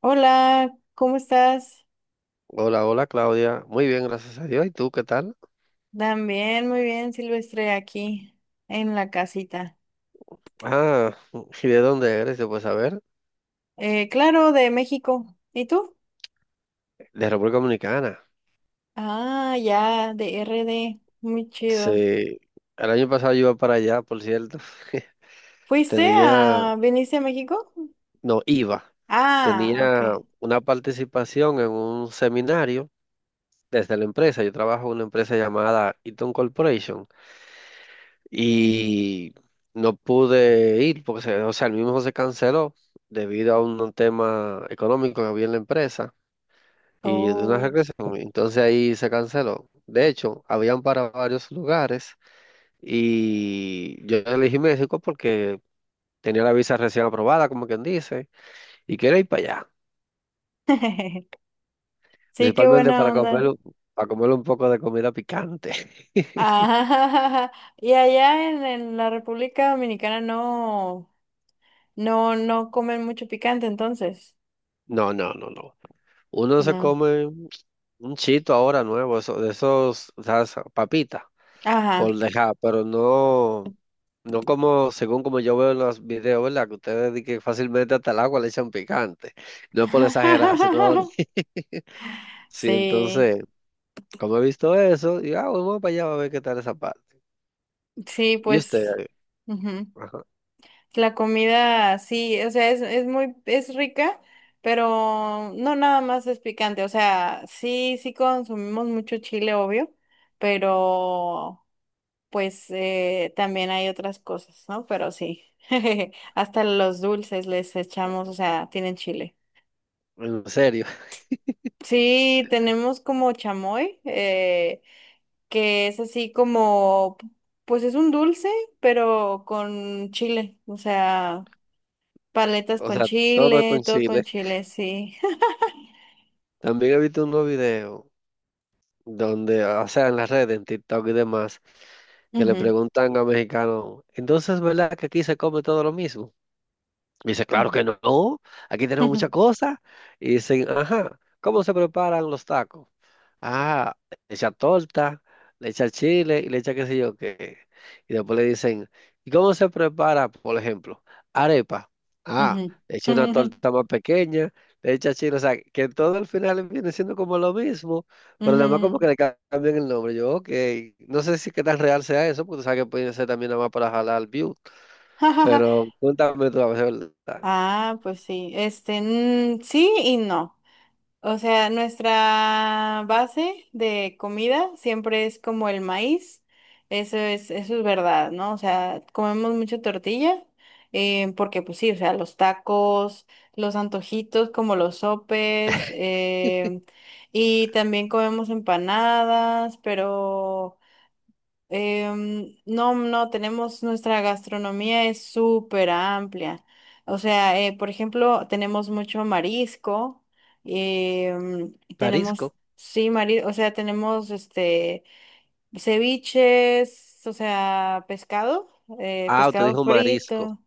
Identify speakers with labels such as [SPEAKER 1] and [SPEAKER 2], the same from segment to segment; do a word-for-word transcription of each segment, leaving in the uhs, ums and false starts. [SPEAKER 1] Hola, ¿cómo estás?
[SPEAKER 2] Hola, hola Claudia. Muy bien, gracias a Dios. ¿Y tú qué tal?
[SPEAKER 1] También, muy bien, Silvestre, aquí en la casita.
[SPEAKER 2] Ah, ¿y de dónde eres? Yo, pues a ver,
[SPEAKER 1] Eh, claro, de México. ¿Y tú?
[SPEAKER 2] de República Dominicana.
[SPEAKER 1] Ah, ya, de R D. Muy chido.
[SPEAKER 2] Sí, el año pasado yo iba para allá, por cierto.
[SPEAKER 1] ¿Fuiste
[SPEAKER 2] Tenía,
[SPEAKER 1] a, viniste a México?
[SPEAKER 2] no, iba.
[SPEAKER 1] Ah, ok.
[SPEAKER 2] Tenía una participación en un seminario desde la empresa. Yo trabajo en una empresa llamada Eaton Corporation y no pude ir porque, se- o sea, el mismo se canceló debido a un tema económico que había en la empresa. Y de una
[SPEAKER 1] Oh.
[SPEAKER 2] regresión. Entonces ahí se canceló. De hecho, habían para varios lugares y yo elegí México porque tenía la visa recién aprobada, como quien dice, y quería ir para allá,
[SPEAKER 1] Sí, qué
[SPEAKER 2] principalmente
[SPEAKER 1] buena
[SPEAKER 2] para
[SPEAKER 1] onda.
[SPEAKER 2] comer, un- para comer un poco de comida picante.
[SPEAKER 1] Ah, y allá en, en la República Dominicana no, no, no comen mucho picante, entonces.
[SPEAKER 2] No, no, no, no. Uno se
[SPEAKER 1] No.
[SPEAKER 2] come un chito ahora nuevo, eso, de esos, o sea, esa papita,
[SPEAKER 1] Ajá.
[SPEAKER 2] por dejar, pero no. No como, según como yo veo en los videos, ¿verdad? Que ustedes di que fácilmente hasta el agua le echan picante. No es por exagerar, sino sí,
[SPEAKER 1] Sí,
[SPEAKER 2] entonces, como he visto eso, digo, ah, vamos para allá a ver qué tal esa parte.
[SPEAKER 1] sí,
[SPEAKER 2] Y
[SPEAKER 1] pues
[SPEAKER 2] usted,
[SPEAKER 1] ujú.
[SPEAKER 2] ajá,
[SPEAKER 1] La comida, sí, o sea, es, es muy, es rica, pero no nada más es picante, o sea, sí, sí consumimos mucho chile, obvio, pero pues eh, también hay otras cosas, ¿no? Pero sí, hasta los dulces les echamos, o sea, tienen chile.
[SPEAKER 2] en serio,
[SPEAKER 1] Sí, tenemos como chamoy, eh, que es así como, pues es un dulce, pero con chile, o sea, paletas
[SPEAKER 2] o
[SPEAKER 1] con
[SPEAKER 2] sea, todo
[SPEAKER 1] chile,
[SPEAKER 2] con
[SPEAKER 1] todo con
[SPEAKER 2] chile.
[SPEAKER 1] chile, sí.
[SPEAKER 2] También he visto unos videos donde, o sea, en las redes, en TikTok y demás, que le
[SPEAKER 1] Ujú,
[SPEAKER 2] preguntan a mexicanos, entonces, ¿verdad que aquí se come todo lo mismo? Y dice, claro
[SPEAKER 1] ujú,
[SPEAKER 2] que no, aquí tenemos
[SPEAKER 1] ujú,
[SPEAKER 2] muchas cosas. Y dicen, ajá, ¿cómo se preparan los tacos? Ah, le echa torta, le echa chile y le echa qué sé yo qué. Y después le dicen, ¿y cómo se prepara, por ejemplo, arepa? Ah,
[SPEAKER 1] ujú,
[SPEAKER 2] le echa una
[SPEAKER 1] ujú,
[SPEAKER 2] torta más pequeña, le echa chile, o sea, que todo al final viene siendo como lo mismo, pero nada más como que
[SPEAKER 1] ujú.
[SPEAKER 2] le ca- cambian el nombre. Yo, ok, no sé si qué tan real sea eso, porque tú sabes que puede ser también nada más para jalar view, pero cuéntame tú a ver, ¿verdad?
[SPEAKER 1] Ah, pues sí, este, mm, sí y no. O sea, nuestra base de comida siempre es como el maíz. Eso es, eso es verdad, ¿no? O sea, comemos mucha tortilla, eh, porque pues sí, o sea, los tacos, los antojitos como los sopes, em, y también comemos empanadas, pero Em, no, no, tenemos nuestra gastronomía es súper amplia. O sea, eh, por ejemplo, tenemos mucho marisco, em, tenemos,
[SPEAKER 2] Parisco.
[SPEAKER 1] sí, marisco, o sea, tenemos este ceviches, o sea, pescado, eh,
[SPEAKER 2] Ah, usted
[SPEAKER 1] pescado
[SPEAKER 2] dijo marisco.
[SPEAKER 1] frito,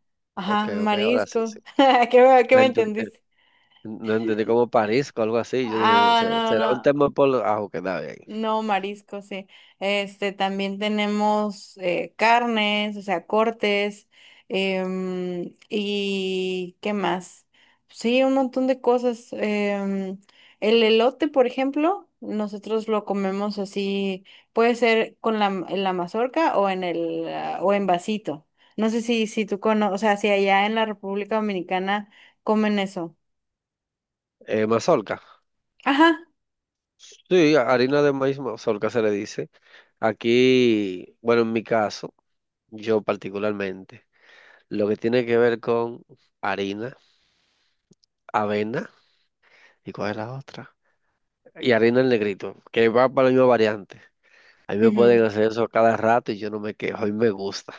[SPEAKER 2] Ok,
[SPEAKER 1] ajá,
[SPEAKER 2] ok, ahora sí,
[SPEAKER 1] marisco.
[SPEAKER 2] sí.
[SPEAKER 1] ¿Qué, me- qué
[SPEAKER 2] No
[SPEAKER 1] me
[SPEAKER 2] enten- eh,
[SPEAKER 1] entendiste?
[SPEAKER 2] no entendí, como parisco, algo así. Yo dije,
[SPEAKER 1] Ah,
[SPEAKER 2] "Se-
[SPEAKER 1] no,
[SPEAKER 2] será un
[SPEAKER 1] no.
[SPEAKER 2] tema por lo-". Ah, ok, está bien.
[SPEAKER 1] No, mariscos sí. Este, también tenemos eh, carnes, o sea, cortes, em, ¿y qué más? Sí, un montón de cosas. Em, el elote, por ejemplo, nosotros lo comemos así, puede ser con la, en la mazorca o en el, ah, o en vasito. No sé si, si tú conoces, o sea, si allá en la República Dominicana comen eso.
[SPEAKER 2] Eh, mazorca.
[SPEAKER 1] Ajá.
[SPEAKER 2] Sí, harina de maíz mazorca se le dice. Aquí, bueno, en mi caso, yo particularmente, lo que tiene que ver con harina, avena, ¿y cuál es la otra? Y harina en negrito, que va para la misma variante. A mí me
[SPEAKER 1] Ujú.
[SPEAKER 2] pueden hacer eso cada rato y yo no me quejo y me gusta.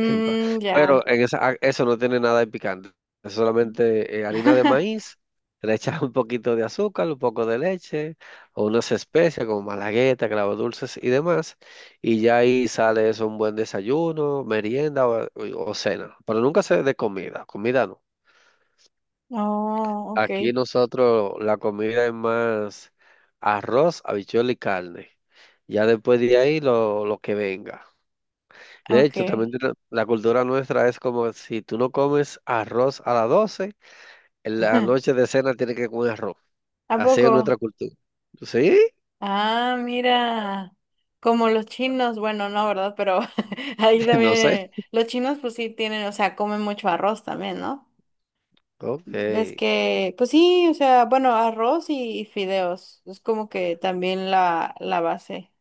[SPEAKER 2] en pa-
[SPEAKER 1] ya.
[SPEAKER 2] Pero en esa, ah, eso no tiene nada de picante. Es solamente eh, harina de maíz, le echas un poquito de azúcar, un poco de leche, o unas especias como malagueta, clavos dulces y demás. Y ya ahí sale eso, un buen desayuno, merienda o, o- o cena. Pero nunca se de comida, comida no.
[SPEAKER 1] Oh,
[SPEAKER 2] Aquí
[SPEAKER 1] ok,
[SPEAKER 2] nosotros la comida es más arroz, habichuela y carne. Ya después de ahí lo, lo que venga. De
[SPEAKER 1] ok.
[SPEAKER 2] hecho, también tiene- la cultura nuestra es como si tú no comes arroz a las doce en la noche de cena tienes que comer arroz.
[SPEAKER 1] ¿A
[SPEAKER 2] Así
[SPEAKER 1] poco?
[SPEAKER 2] es nuestra cultura. ¿Sí?
[SPEAKER 1] Ah, mira, como los chinos, bueno, no, ¿verdad? Pero ahí también,
[SPEAKER 2] No sé.
[SPEAKER 1] eh, los chinos pues sí tienen, o sea, comen mucho arroz también, ¿no?
[SPEAKER 2] Ok.
[SPEAKER 1] Ves que, pues sí, o sea, bueno, arroz y, y fideos, es como que también la, la base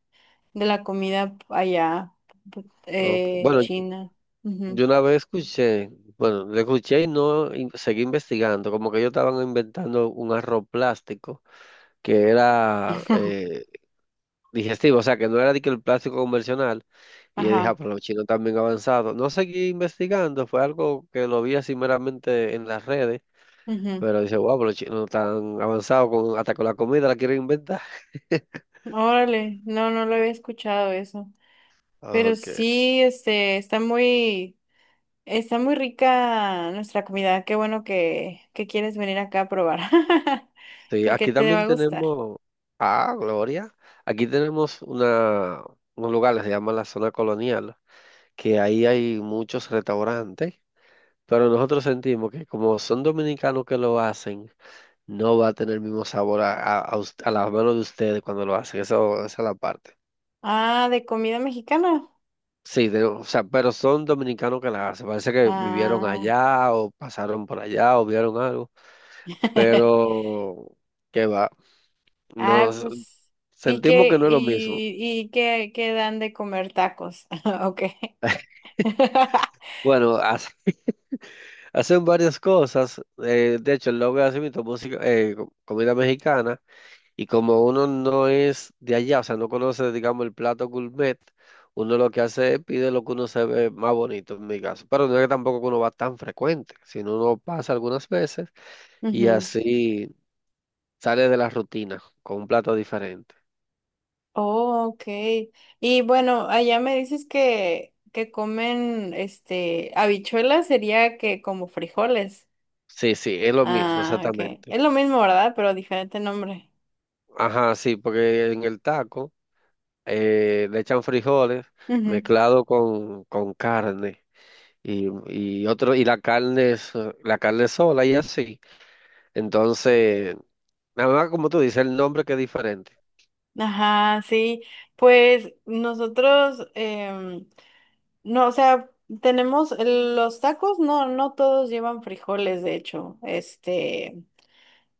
[SPEAKER 1] de la comida allá,
[SPEAKER 2] Ok.
[SPEAKER 1] eh,
[SPEAKER 2] Bueno,
[SPEAKER 1] china. Ujú.
[SPEAKER 2] yo una vez escuché, bueno, lo escuché y no in- seguí investigando, como que ellos estaban inventando un arroz plástico que era eh, digestivo, o sea, que no era de que el plástico convencional. Y yo dije, ah,
[SPEAKER 1] Ajá.
[SPEAKER 2] pero los chinos también avanzados. No seguí investigando, fue algo que lo vi así meramente en las redes.
[SPEAKER 1] Ujú.
[SPEAKER 2] Pero dice, wow, pero los chinos tan avanzados con, hasta con la comida la quieren inventar.
[SPEAKER 1] Órale, no, no lo había escuchado eso. Pero
[SPEAKER 2] Ok.
[SPEAKER 1] sí, este, está muy, está muy rica nuestra comida. Qué bueno que, que quieres venir acá a probar,
[SPEAKER 2] Sí,
[SPEAKER 1] porque
[SPEAKER 2] aquí
[SPEAKER 1] te va
[SPEAKER 2] también
[SPEAKER 1] a gustar.
[SPEAKER 2] tenemos, ah, Gloria, aquí tenemos una, un lugar, que se llama la Zona Colonial, que ahí hay muchos restaurantes, pero nosotros sentimos que como son dominicanos que lo hacen, no va a tener el mismo sabor a, a, a us- a las manos de ustedes cuando lo hacen, eso, esa es la parte.
[SPEAKER 1] Ah, de comida mexicana.
[SPEAKER 2] Sí, de- o sea, pero son dominicanos que la hacen, parece que vivieron
[SPEAKER 1] Ah,
[SPEAKER 2] allá o pasaron por allá o vieron algo. Pero qué va.
[SPEAKER 1] ah,
[SPEAKER 2] Nos
[SPEAKER 1] pues, ¿y
[SPEAKER 2] sentimos
[SPEAKER 1] qué,
[SPEAKER 2] que no es lo mismo.
[SPEAKER 1] y, y qué, qué dan de comer tacos? Ok.
[SPEAKER 2] Bueno, hace- hacen varias cosas. Eh, de hecho, el logo hace mismo música, eh, co- comida mexicana. Y como uno no es de allá, o sea, no conoce, digamos, el plato gourmet, uno lo que hace es pide lo que uno se ve más bonito, en mi caso. Pero no es que tampoco uno va tan frecuente, sino uno pasa algunas veces y
[SPEAKER 1] Ujú.
[SPEAKER 2] así sale de la rutina con un plato diferente.
[SPEAKER 1] Oh, ok. Y bueno, allá me dices que, que comen, este, habichuelas sería que como frijoles.
[SPEAKER 2] Sí, sí, es lo mismo,
[SPEAKER 1] Ah, ok.
[SPEAKER 2] exactamente.
[SPEAKER 1] Es lo mismo, ¿verdad? Pero diferente nombre.
[SPEAKER 2] Ajá, sí, porque en el taco eh, le echan frijoles
[SPEAKER 1] Ujú.
[SPEAKER 2] mezclado con, con carne y, y otro y la carne es, eh, la carne sola y así. Entonces, nada más como tú dices, el nombre que es diferente.
[SPEAKER 1] Ajá, sí. Pues nosotros, em, no, o sea, tenemos el- los tacos, no, no todos llevan frijoles, de hecho. Este,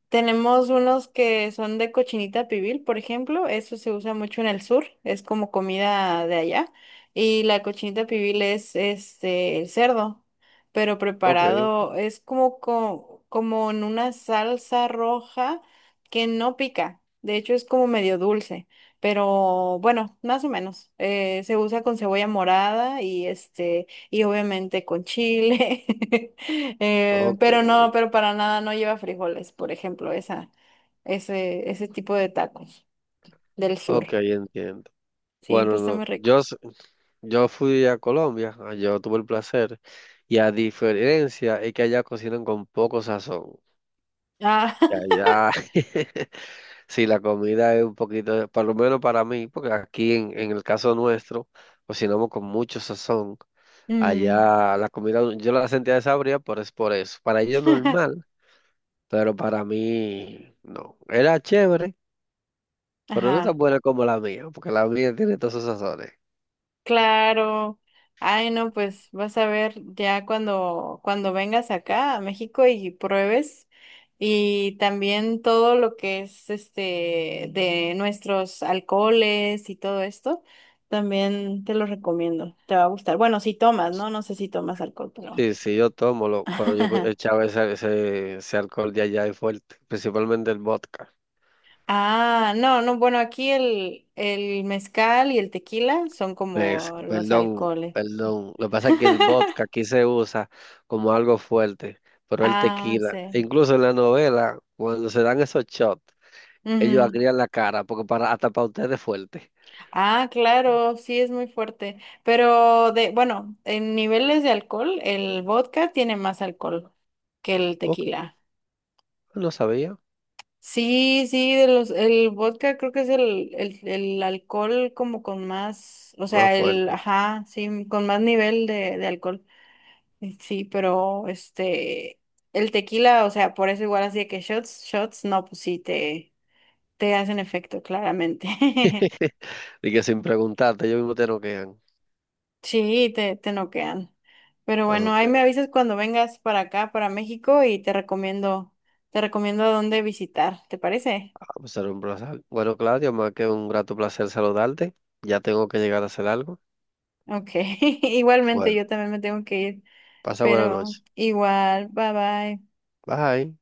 [SPEAKER 1] tenemos unos que son de cochinita pibil, por ejemplo, eso se usa mucho en el sur, es como comida de allá. Y la cochinita pibil es este el cerdo, pero
[SPEAKER 2] Ok,
[SPEAKER 1] preparado es como co- como en una salsa roja que no pica. De hecho es como medio dulce, pero bueno, más o menos. Eh, se usa con cebolla morada y este y obviamente con chile. Eh,
[SPEAKER 2] ok,
[SPEAKER 1] pero no, pero para nada no lleva frijoles, por ejemplo, esa, ese, ese tipo de tacos del sur.
[SPEAKER 2] ok, entiendo.
[SPEAKER 1] Sí, pero
[SPEAKER 2] Bueno,
[SPEAKER 1] está muy
[SPEAKER 2] no,
[SPEAKER 1] rico.
[SPEAKER 2] yo, s- yo fui a Colombia, ah, yo tuve el placer y a diferencia es que allá cocinan con poco sazón.
[SPEAKER 1] Ah,
[SPEAKER 2] Ya, ya. Sí, la comida es un poquito, por lo menos para mí, porque aquí en, en el caso nuestro, cocinamos con mucho sazón.
[SPEAKER 1] mm,
[SPEAKER 2] Allá la comida yo la sentía desabrida, pero es por eso. Para ellos normal, pero para mí no. Era chévere, pero no tan
[SPEAKER 1] Ajá.
[SPEAKER 2] buena como la mía, porque la mía tiene todos esos sazones.
[SPEAKER 1] Claro. Ay, no, pues vas a ver ya cuando, cuando vengas acá a México y pruebes. Y también todo lo que es este de nuestros alcoholes y todo esto, también te lo recomiendo. Te va a gustar. Bueno, si tomas, ¿no? No sé si tomas alcohol, pero.
[SPEAKER 2] Sí, sí, yo tomo, lo- pero yo co- echaba ese, ese, ese alcohol de allá y fuerte, principalmente el vodka.
[SPEAKER 1] Ah, no, no, bueno, aquí el, el mezcal y el tequila son
[SPEAKER 2] Es-
[SPEAKER 1] como los
[SPEAKER 2] perdón,
[SPEAKER 1] alcoholes.
[SPEAKER 2] perdón. Lo que pasa es que el vodka aquí se usa como algo fuerte, pero el
[SPEAKER 1] Ah,
[SPEAKER 2] tequila, e
[SPEAKER 1] sí.
[SPEAKER 2] incluso en la novela, cuando se dan esos shots, ellos
[SPEAKER 1] Ujú.
[SPEAKER 2] agrían la cara, porque para, hasta para ustedes es fuerte.
[SPEAKER 1] Ah, claro, sí es muy fuerte. Pero de, bueno, en niveles de alcohol, el vodka tiene más alcohol que el
[SPEAKER 2] Ok,
[SPEAKER 1] tequila.
[SPEAKER 2] pues no sabía,
[SPEAKER 1] Sí, sí, de los, el vodka creo que es el, el, el alcohol como con más, o
[SPEAKER 2] más
[SPEAKER 1] sea, el,
[SPEAKER 2] fuerte.
[SPEAKER 1] ajá, sí, con más nivel de, de alcohol. Eh, Sí, pero este, el tequila, o sea, por eso igual así de que shots, shots, no, pues sí, te, te hacen efecto, claramente.
[SPEAKER 2] Y que sin preguntarte, ellos mismos te noquean.
[SPEAKER 1] Sí, te, te noquean. Pero bueno,
[SPEAKER 2] Ok,
[SPEAKER 1] ahí me avisas cuando vengas para acá, para México, y te recomiendo, te recomiendo a dónde visitar, ¿te parece?
[SPEAKER 2] ah, pues era un placer. Bueno, Claudio, más que un grato placer saludarte. Ya tengo que llegar a hacer algo.
[SPEAKER 1] Ok, igualmente
[SPEAKER 2] Bueno,
[SPEAKER 1] yo también me tengo que ir,
[SPEAKER 2] pasa buena
[SPEAKER 1] pero
[SPEAKER 2] noche.
[SPEAKER 1] igual, bye bye.
[SPEAKER 2] Bye.